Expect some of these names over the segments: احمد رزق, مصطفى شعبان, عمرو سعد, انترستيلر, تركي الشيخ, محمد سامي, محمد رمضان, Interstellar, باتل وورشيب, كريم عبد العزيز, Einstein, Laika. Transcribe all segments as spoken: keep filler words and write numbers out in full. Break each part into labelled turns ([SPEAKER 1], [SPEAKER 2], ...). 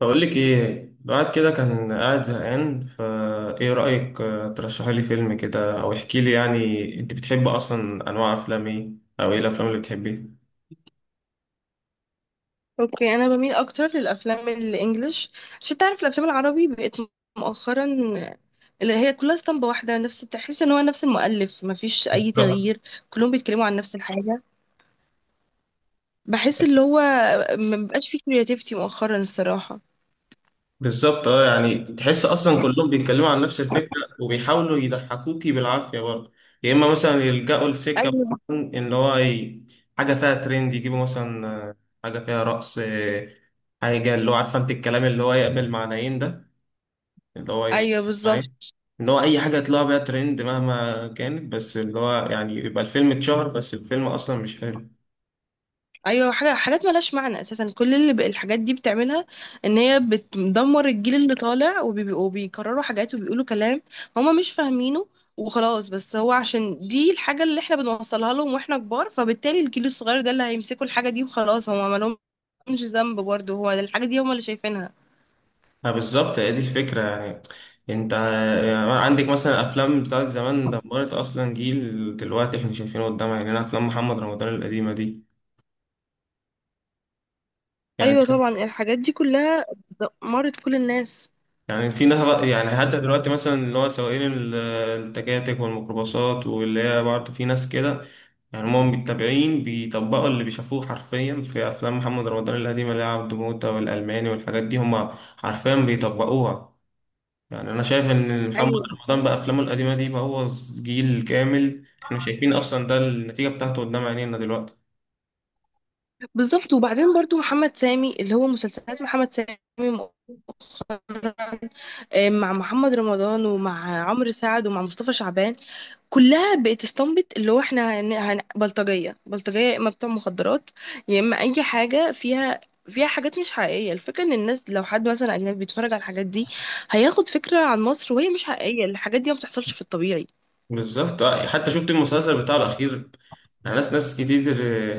[SPEAKER 1] بقول لك ايه، الواحد كده كان قاعد زهقان. فا ايه رأيك آه، ترشحي لي فيلم كده او احكي لي، يعني انت بتحب اصلا انواع افلام ايه، او ايه الافلام اللي بتحبيها؟
[SPEAKER 2] اوكي، انا بميل اكتر للافلام الانجليش، عشان تعرف الافلام العربي بقت مؤخرا اللي هي كلها اسطمبة واحدة. نفس تحس ان هو نفس المؤلف، مفيش اي
[SPEAKER 1] بالظبط.
[SPEAKER 2] تغيير. كلهم بيتكلموا عن نفس الحاجة. بحس اللي هو مبقاش فيه كرياتيفيتي مؤخرا الصراحة.
[SPEAKER 1] بالظبط اه، يعني تحس اصلا كلهم بيتكلموا عن نفس الفكرة وبيحاولوا يضحكوكي بالعافية برضه. يا اما مثلا يلجأوا لسكة
[SPEAKER 2] ايوه،
[SPEAKER 1] مثلا ان هو ي- حاجة فيها ترند، يجيبوا مثلا آه، حاجة فيها رقص، آه، حاجة اللي هو عارفة انت الكلام اللي هو يقبل معنيين ده، اللي هو يتفق
[SPEAKER 2] ايوه
[SPEAKER 1] عليه.
[SPEAKER 2] بالظبط.
[SPEAKER 1] اللي هو أي حاجة يطلع بيها ترند مهما كانت، بس اللي هو يعني يبقى الفيلم اتشهر، بس الفيلم أصلا مش حلو.
[SPEAKER 2] ايوه، حاجه حاجات ملهاش معنى اساسا. كل اللي ب- الحاجات دي بتعملها ان هي بتدمر الجيل اللي طالع، وبيبقوا- وبيكرروا حاجات وبيقولوا كلام هما مش فاهمينه وخلاص. بس هو عشان دي الحاجه اللي احنا بنوصلها لهم واحنا كبار، فبالتالي الجيل الصغير ده اللي هيمسكوا الحاجه دي وخلاص. هما ما لهمش ذنب برضه، هو الحاجه دي هما اللي شايفينها.
[SPEAKER 1] ما بالظبط، هي دي الفكرة يعني. انت يعني عندك مثلا افلام بتاعت زمان دمرت اصلا جيل دلوقتي احنا شايفينه قدامنا، يعني انا افلام محمد رمضان القديمة دي يعني.
[SPEAKER 2] ايوه طبعا، الحاجات دي كلها دمرت كل الناس.
[SPEAKER 1] يعني في ناس بقى- يعني حتى دلوقتي مثلا اللي هو سواقين ال- التكاتك والميكروباصات، واللي هي برضه في ناس كده يعني هم متابعين، بيطبقوا اللي بيشافوه حرفيا في افلام محمد رمضان القديمه، اللي هي عبده موته والالماني والحاجات دي، هم حرفيا بيطبقوها. يعني انا شايف ان محمد
[SPEAKER 2] ايوه
[SPEAKER 1] رمضان بافلامه القديمه دي بوظ جيل كامل، احنا شايفين اصلا ده النتيجه بتاعته قدام عينينا دلوقتي.
[SPEAKER 2] بالظبط. وبعدين برضو محمد سامي، اللي هو مسلسلات محمد سامي آه، مع محمد رمضان ومع عمرو سعد ومع مصطفى شعبان، كلها بقت استنبط اللي هو احنا هن... هن... بلطجية بلطجية، يا اما بتوع مخدرات، يا اما اي حاجة فيها فيها حاجات مش حقيقية. الفكرة ان الناس لو حد مثلا اجنبي بيتفرج على الحاجات دي هياخد فكرة عن مصر وهي مش حقيقية، الحاجات دي ما بتحصلش في الطبيعي.
[SPEAKER 1] بالظبط آه، حتى شفت المسلسل بتاعه الاخير. يعني ناس ناس كتير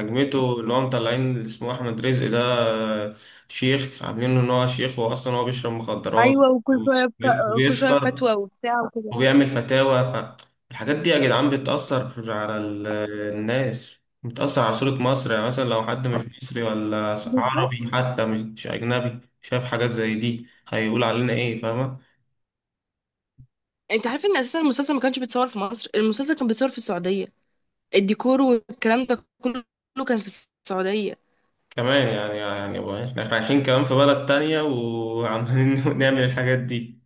[SPEAKER 1] هجمته، اللي هو مطلعين اللي اسمه احمد رزق ده آه، شيخ، عاملينه ان هو شيخ، هو اصلا هو بيشرب مخدرات
[SPEAKER 2] ايوه، وكل شويه ف... كل شويه
[SPEAKER 1] وبيسكر
[SPEAKER 2] فتوى وبتاع وكده.
[SPEAKER 1] وبيعمل فتاوى. فالحاجات دي يا جدعان بتأثر في- على ال- الناس، بتأثر على صورة مصر. يعني مثلا لو حد مش مصري ولا
[SPEAKER 2] بالظبط،
[SPEAKER 1] عربي حتى، مش مش أجنبي، شاف حاجات زي دي هيقول علينا إيه؟ فاهمة؟
[SPEAKER 2] انت عارف ان اساسا المسلسل ما كانش بيتصور في مصر؟ المسلسل كان بيتصور في السعوديه، الديكور والكلام ده كله كان في السعوديه.
[SPEAKER 1] كمان يعني، يعني بقى إحنا رايحين كمان في بلد تانية وعمالين نعمل الحاجات دي.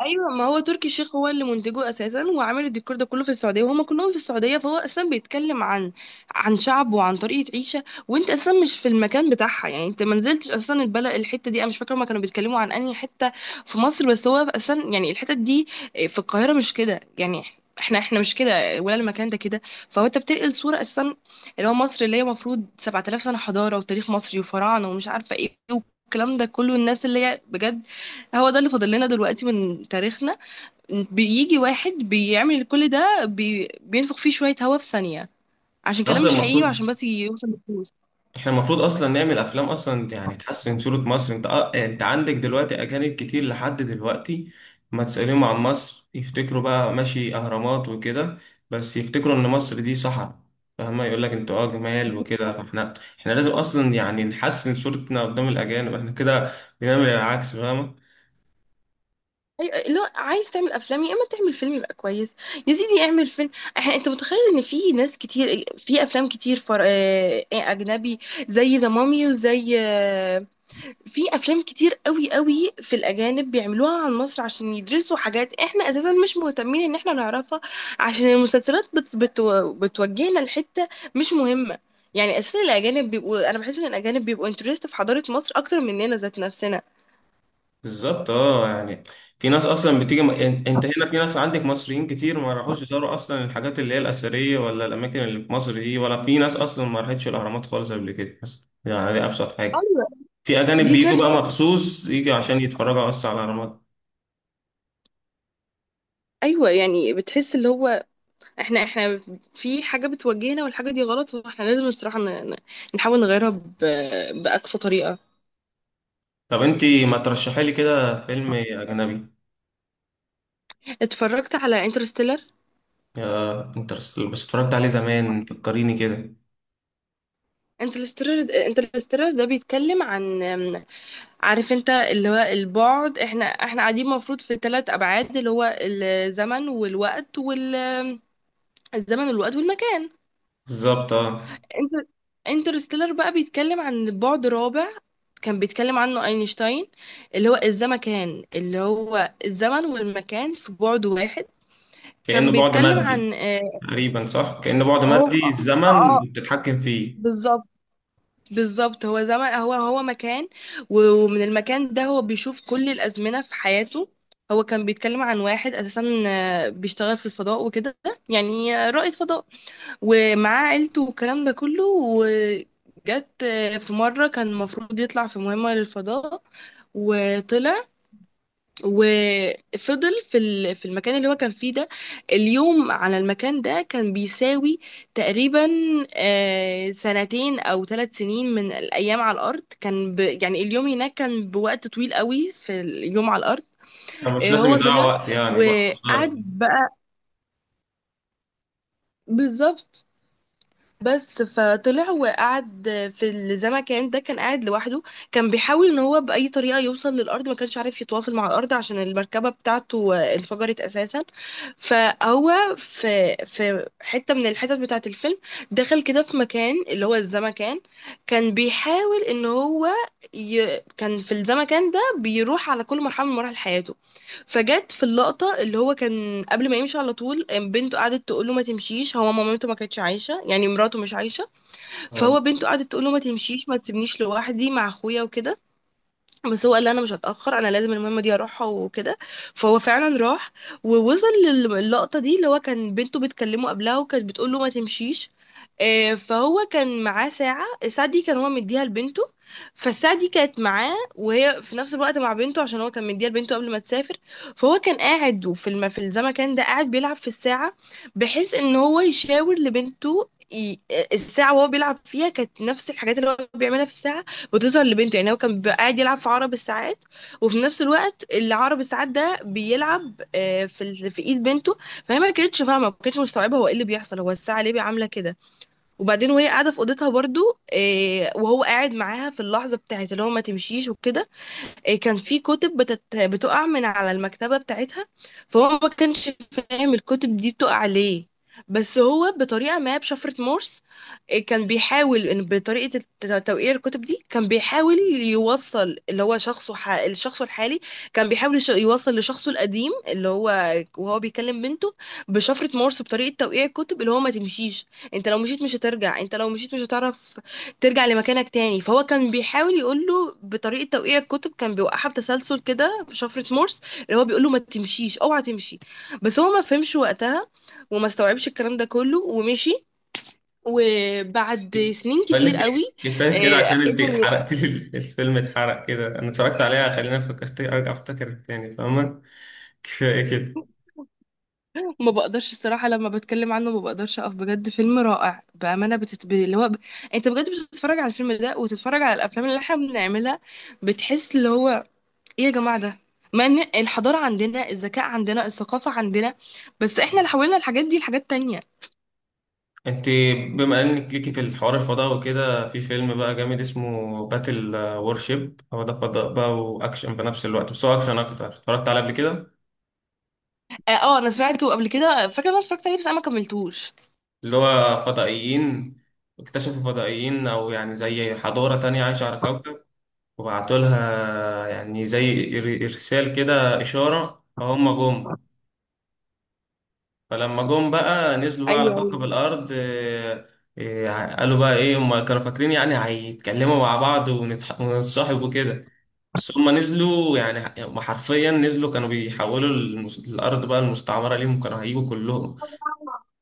[SPEAKER 2] ايوه، ما هو تركي الشيخ هو اللي منتجه اساسا وعامل الديكور ده كله في السعوديه، وهم كلهم في السعوديه. فهو اساسا بيتكلم عن عن شعب وعن طريقه عيشه، وانت اساسا مش في المكان بتاعها. يعني انت ما نزلتش اساسا البلد الحته دي، انا مش فاكره هما كانوا بيتكلموا عن انهي حته في مصر، بس هو اساسا يعني الحتت دي في القاهره مش كده يعني. احنا احنا مش كده، ولا المكان ده كده. فهو انت بتنقل صوره اساسا اللي هو مصر، اللي هي المفروض سبعة آلاف سنه حضاره وتاريخ مصري وفراعنه ومش عارفه ايه، والكلام ده كله. الناس اللي هي بجد، هو ده اللي فاضل لنا دلوقتي من تاريخنا. بيجي واحد بيعمل كل ده، بي... بينفخ فيه شوية هوا في ثانية، عشان
[SPEAKER 1] إحنا
[SPEAKER 2] كلام
[SPEAKER 1] أصلا
[SPEAKER 2] مش حقيقي
[SPEAKER 1] المفروض،
[SPEAKER 2] وعشان بس يوصل لفلوس.
[SPEAKER 1] احنا المفروض اصلا نعمل افلام اصلا يعني تحسن صورة مصر. انت آه، انت عندك دلوقتي اجانب كتير لحد دلوقتي، ما تسأليهم عن مصر، يفتكروا بقى ماشي اهرامات وكده، بس يفتكروا ان مصر دي صحراء. فاهمة؟ يقول لك انتوا اه جمال وكده. فاحنا، احنا لازم اصلا يعني نحسن صورتنا قدام الاجانب، احنا كده بنعمل العكس. فاهمة؟
[SPEAKER 2] أي... لا، عايز تعمل افلام يا اما تعمل فيلم يبقى كويس. يا سيدي اعمل فيلم. احنا انت متخيل ان في ناس كتير في افلام كتير فر... آه، اجنبي، زي ذا مامي وزي آه، في افلام كتير قوي قوي في الاجانب بيعملوها عن مصر عشان يدرسوا حاجات احنا اساسا مش مهتمين ان احنا نعرفها، عشان المسلسلات بت بت بتوجهنا لحته مش مهمه. يعني اساسا الاجانب بيبقوا، انا بحس ان الاجانب بيبقوا انترست في حضاره مصر اكتر مننا ذات نفسنا.
[SPEAKER 1] بالظبط اه. يعني في ناس اصلا بتيجي م... يعني انت هنا في ناس عندك مصريين كتير ما راحوش يزوروا اصلا الحاجات اللي هي الاثريه ولا الاماكن اللي في مصر دي، ولا في ناس اصلا ما راحتش الاهرامات خالص قبل كده، بس يعني دي ابسط حاجه.
[SPEAKER 2] ايوه،
[SPEAKER 1] في اجانب
[SPEAKER 2] دي
[SPEAKER 1] بيجوا بقى
[SPEAKER 2] كارثه.
[SPEAKER 1] مخصوص يجي عشان يتفرجوا بس على الاهرامات.
[SPEAKER 2] ايوه، يعني بتحس اللي هو احنا احنا في حاجه بتوجهنا، والحاجه دي غلط، واحنا لازم الصراحه ن- ن- نحاول نغيرها ب- باقصى طريقه.
[SPEAKER 1] طب انت ما ترشحي لي كده فيلم اجنبي.
[SPEAKER 2] اتفرجت على انترستيلر.
[SPEAKER 1] يا انترستيلر، بس اتفرجت عليه زمان، فكريني كده.
[SPEAKER 2] انترستيلر انترستيلر ده بيتكلم عن، عارف انت اللي هو البعد، احنا احنا قاعدين المفروض في ثلاث ابعاد، اللي هو الزمن والوقت وال الزمن والوقت والمكان.
[SPEAKER 1] بالظبط اه،
[SPEAKER 2] انت، انترستيلر بقى بيتكلم عن بعد رابع، كان بيتكلم عنه اينشتاين، اللي هو الزمكان، اللي هو الزمن والمكان في بعد واحد.
[SPEAKER 1] كانه
[SPEAKER 2] كان
[SPEAKER 1] بعد
[SPEAKER 2] بيتكلم
[SPEAKER 1] مادي.
[SPEAKER 2] عن اه،
[SPEAKER 1] تقريبا صح، كانه بعد
[SPEAKER 2] هو
[SPEAKER 1] مادي
[SPEAKER 2] اه
[SPEAKER 1] الزمن
[SPEAKER 2] اه،
[SPEAKER 1] بتتحكم فيه.
[SPEAKER 2] بالظبط. بالظبط، هو زمان، هو هو مكان، و- ومن المكان ده هو بيشوف كل الأزمنة في حياته. هو كان بيتكلم عن واحد أساسا آه، بيشتغل في الفضاء وكده، يعني رائد فضاء، ومعاه عيلته والكلام ده كله. وجت آه، في مرة كان المفروض يطلع في مهمة للفضاء، وطلع وفضل في ال- في المكان اللي هو كان فيه ده. اليوم على المكان ده كان بيساوي تقريبا آه، سنتين او ثلاث سنين من الايام على الارض. كان ب يعني اليوم هناك كان بوقت طويل قوي في اليوم على الارض.
[SPEAKER 1] أنا مش
[SPEAKER 2] آه،
[SPEAKER 1] لازم
[SPEAKER 2] هو
[SPEAKER 1] يضيع
[SPEAKER 2] طلع
[SPEAKER 1] وقت، يعني الوقت
[SPEAKER 2] وقعد
[SPEAKER 1] قصير.
[SPEAKER 2] بقى. بالظبط. بس فطلع وقعد في الزمكان ده، كان قاعد لوحده. كان بيحاول ان هو بأي طريقة يوصل للأرض، ما كانش عارف يتواصل مع الأرض عشان المركبة بتاعته آه، انفجرت أساسا. فهو في في حتة من الحتت بتاعة الفيلم دخل كده في مكان اللي هو الزمكان، كان بيحاول ان هو، ي... كان في الزمكان ده بيروح على كل مرحلة من مراحل حياته. فجت في اللقطة اللي هو كان قبل ما يمشي على طول بنته قعدت تقول له ما تمشيش، هو مامته ما كانتش عايشة يعني، مراته مش عايشة.
[SPEAKER 1] آه.
[SPEAKER 2] فهو بنته قعدت تقول له ما تمشيش، ما تسيبنيش لوحدي مع اخويا وكده. بس هو قال لي انا مش هتاخر، انا لازم المهمه دي اروحها وكده. فهو فعلا راح، ووصل للقطه دي اللي هو كان بنته بتكلمه قبلها وكانت بتقول له ما تمشيش. آه، فهو كان معاه ساعه، الساعه دي كان هو مديها لبنته. فالساعه دي كانت معاه، وهي في نفس الوقت مع بنته، عشان هو كان مديها لبنته قبل ما تسافر. فهو كان قاعد، وفي الم... في الزمكان ده قاعد بيلعب في الساعه، بحيث ان هو يشاور لبنته. ي- الساعة وهو بيلعب فيها كانت نفس الحاجات اللي هو بيعملها في الساعة، وتظهر لبنته. يعني هو كان بيبقى قاعد يلعب في عرب الساعات، وفي نفس الوقت اللي عرب الساعات ده بيلعب آه، في ال- في ايد بنته. فهي ما كانتش فاهمه، ما كانتش مستوعبه هو ايه اللي بيحصل، هو الساعه ليه عامله كده. وبعدين وهي قاعده في اوضتها برضو آه، وهو قاعد معاها في اللحظه بتاعت اللي هو ما تمشيش وكده. إيه، كان في كتب بتت... بتقع من على المكتبة بتاعتها. فهو ما كانش فاهم الكتب دي بتقع ليه، بس هو بطريقة ما بشفرة مورس. إيه، كان بيحاول إن بطريقة الت- توقيع الكتب دي، كان بيحاول يوصل اللي هو شخصه، ح... الشخص الحالي كان بيحاول يش- يوصل لشخصه القديم، اللي هو وهو بيكلم بنته بشفرة مورس بطريقة توقيع الكتب اللي هو ما تمشيش. انت لو مشيت مش هترجع، انت لو مشيت مش هتعرف ترجع لمكانك تاني. فهو كان بيحاول يقول له بطريقه توقيع الكتب، كان بيوقعها بتسلسل كده بشفره مورس اللي هو بيقول له ما تمشيش، اوعى تمشي. بس هو ما فهمش وقتها، وما استوعبش الكلام ده كله ومشي. وبعد سنين
[SPEAKER 1] بقول لك
[SPEAKER 2] كتير قوي
[SPEAKER 1] إيه، كفايه كده
[SPEAKER 2] آه،
[SPEAKER 1] عشان انت
[SPEAKER 2] قدر.
[SPEAKER 1] حرقت لي الفيلم. اتحرق كده، انا اتفرجت عليها، خلينا فكرت ارجع افتكر تاني. فاهمه؟ كفايه كده.
[SPEAKER 2] ما بقدرش الصراحه لما بتكلم عنه، ما بقدرش اقف، بجد فيلم رائع بامانه. بتت... ب- اللي هو ب... انت بجد بتتفرج على الفيلم ده وتتفرج على الافلام اللي احنا بنعملها، بتحس اللي هو ايه يا جماعة ده. ما ان الحضارة عندنا، الذكاء عندنا، الثقافة عندنا، بس احنا اللي حولنا الحاجات دي لحاجات تانية.
[SPEAKER 1] انت بما انك ليكي في الحوار الفضاء وكده، في فيلم بقى جامد اسمه باتل وورشيب. هو ده فضاء بقى واكشن بنفس الوقت، بس هو اكشن اكتر. اتفرجت عليه قبل كده.
[SPEAKER 2] اه، آه، انا سمعته قبل كده، فاكرة إن انا اتفرجت عليه بس انا ما كملتوش.
[SPEAKER 1] اللي هو فضائيين، اكتشفوا فضائيين او يعني زي حضاره تانية عايشه على كوكب، وبعتولها يعني زي إر- إرسال كده إشارة، فهم جم. فلما جم بقى نزلوا بقى على
[SPEAKER 2] ايوه، ايوه.
[SPEAKER 1] كوكب الأرض، آه، آه، قالوا بقى إيه، هم كانوا فاكرين يعني هيتكلموا مع بعض ونتح- ونتصاحبوا كده. بس هم نزلوا يعني، هم حرفيا نزلوا كانوا بيحولوا المس- الأرض بقى المستعمرة ليهم، كانوا هيجوا كلهم.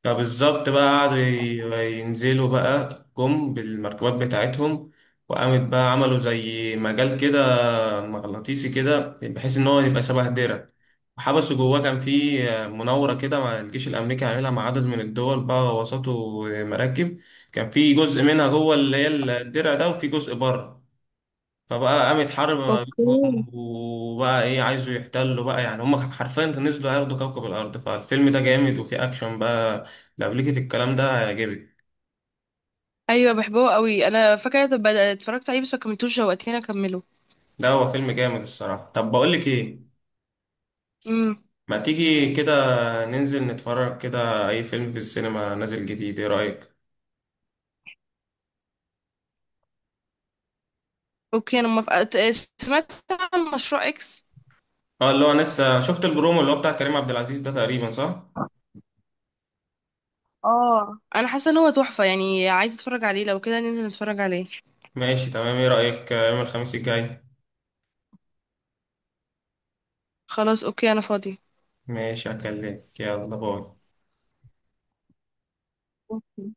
[SPEAKER 1] فبالظبط بقى قعدوا ي- ينزلوا بقى، جم بالمركبات بتاعتهم، وقامت بقى عملوا زي مجال كده مغناطيسي كده بحيث ان هو يبقى شبه درع وحبسه جواه. كان في آه، مناورة كده مع الجيش الأمريكي، عاملها مع عدد من الدول بقى، وسطه مراكب. كان في جزء منها جوه اللي هي الدرع ده وفي جزء بره. فبقى قامت حرب ما
[SPEAKER 2] اوكي.
[SPEAKER 1] بينهم، وبقى ايه، عايزوا يحتلوا بقى، يعني هم حرفيا نزلوا ياخدوا كوكب الأرض. فالفيلم ده جامد وفيه أكشن بقى. لو ليكي في الكلام ده هيعجبك.
[SPEAKER 2] ايوه بحبه قوي، انا فاكرة. طب اتفرجت عليه بس ما كملتوش، شوقتني اكمله.
[SPEAKER 1] لا هو فيلم جامد الصراحة. طب بقولك ايه،
[SPEAKER 2] امم
[SPEAKER 1] ما تيجي كده ننزل نتفرج كده اي فيلم في السينما نازل جديد، ايه رأيك؟
[SPEAKER 2] اوكي انا موافقة. ت- سمعت عن مشروع اكس؟
[SPEAKER 1] اه اللي هو لسه شفت البرومو اللي هو بتاع كريم عبد العزيز ده، تقريبا صح.
[SPEAKER 2] اه، انا حاسة ان هو تحفة، يعني عايزة اتفرج عليه، لو كده ننزل نتفرج عليه.
[SPEAKER 1] ماشي تمام، ايه رأيك آه، يوم الخميس الجاي؟
[SPEAKER 2] خلاص اوكي، انا فاضي.
[SPEAKER 1] ماشي، هكلمك، يلا باي.
[SPEAKER 2] أوكي.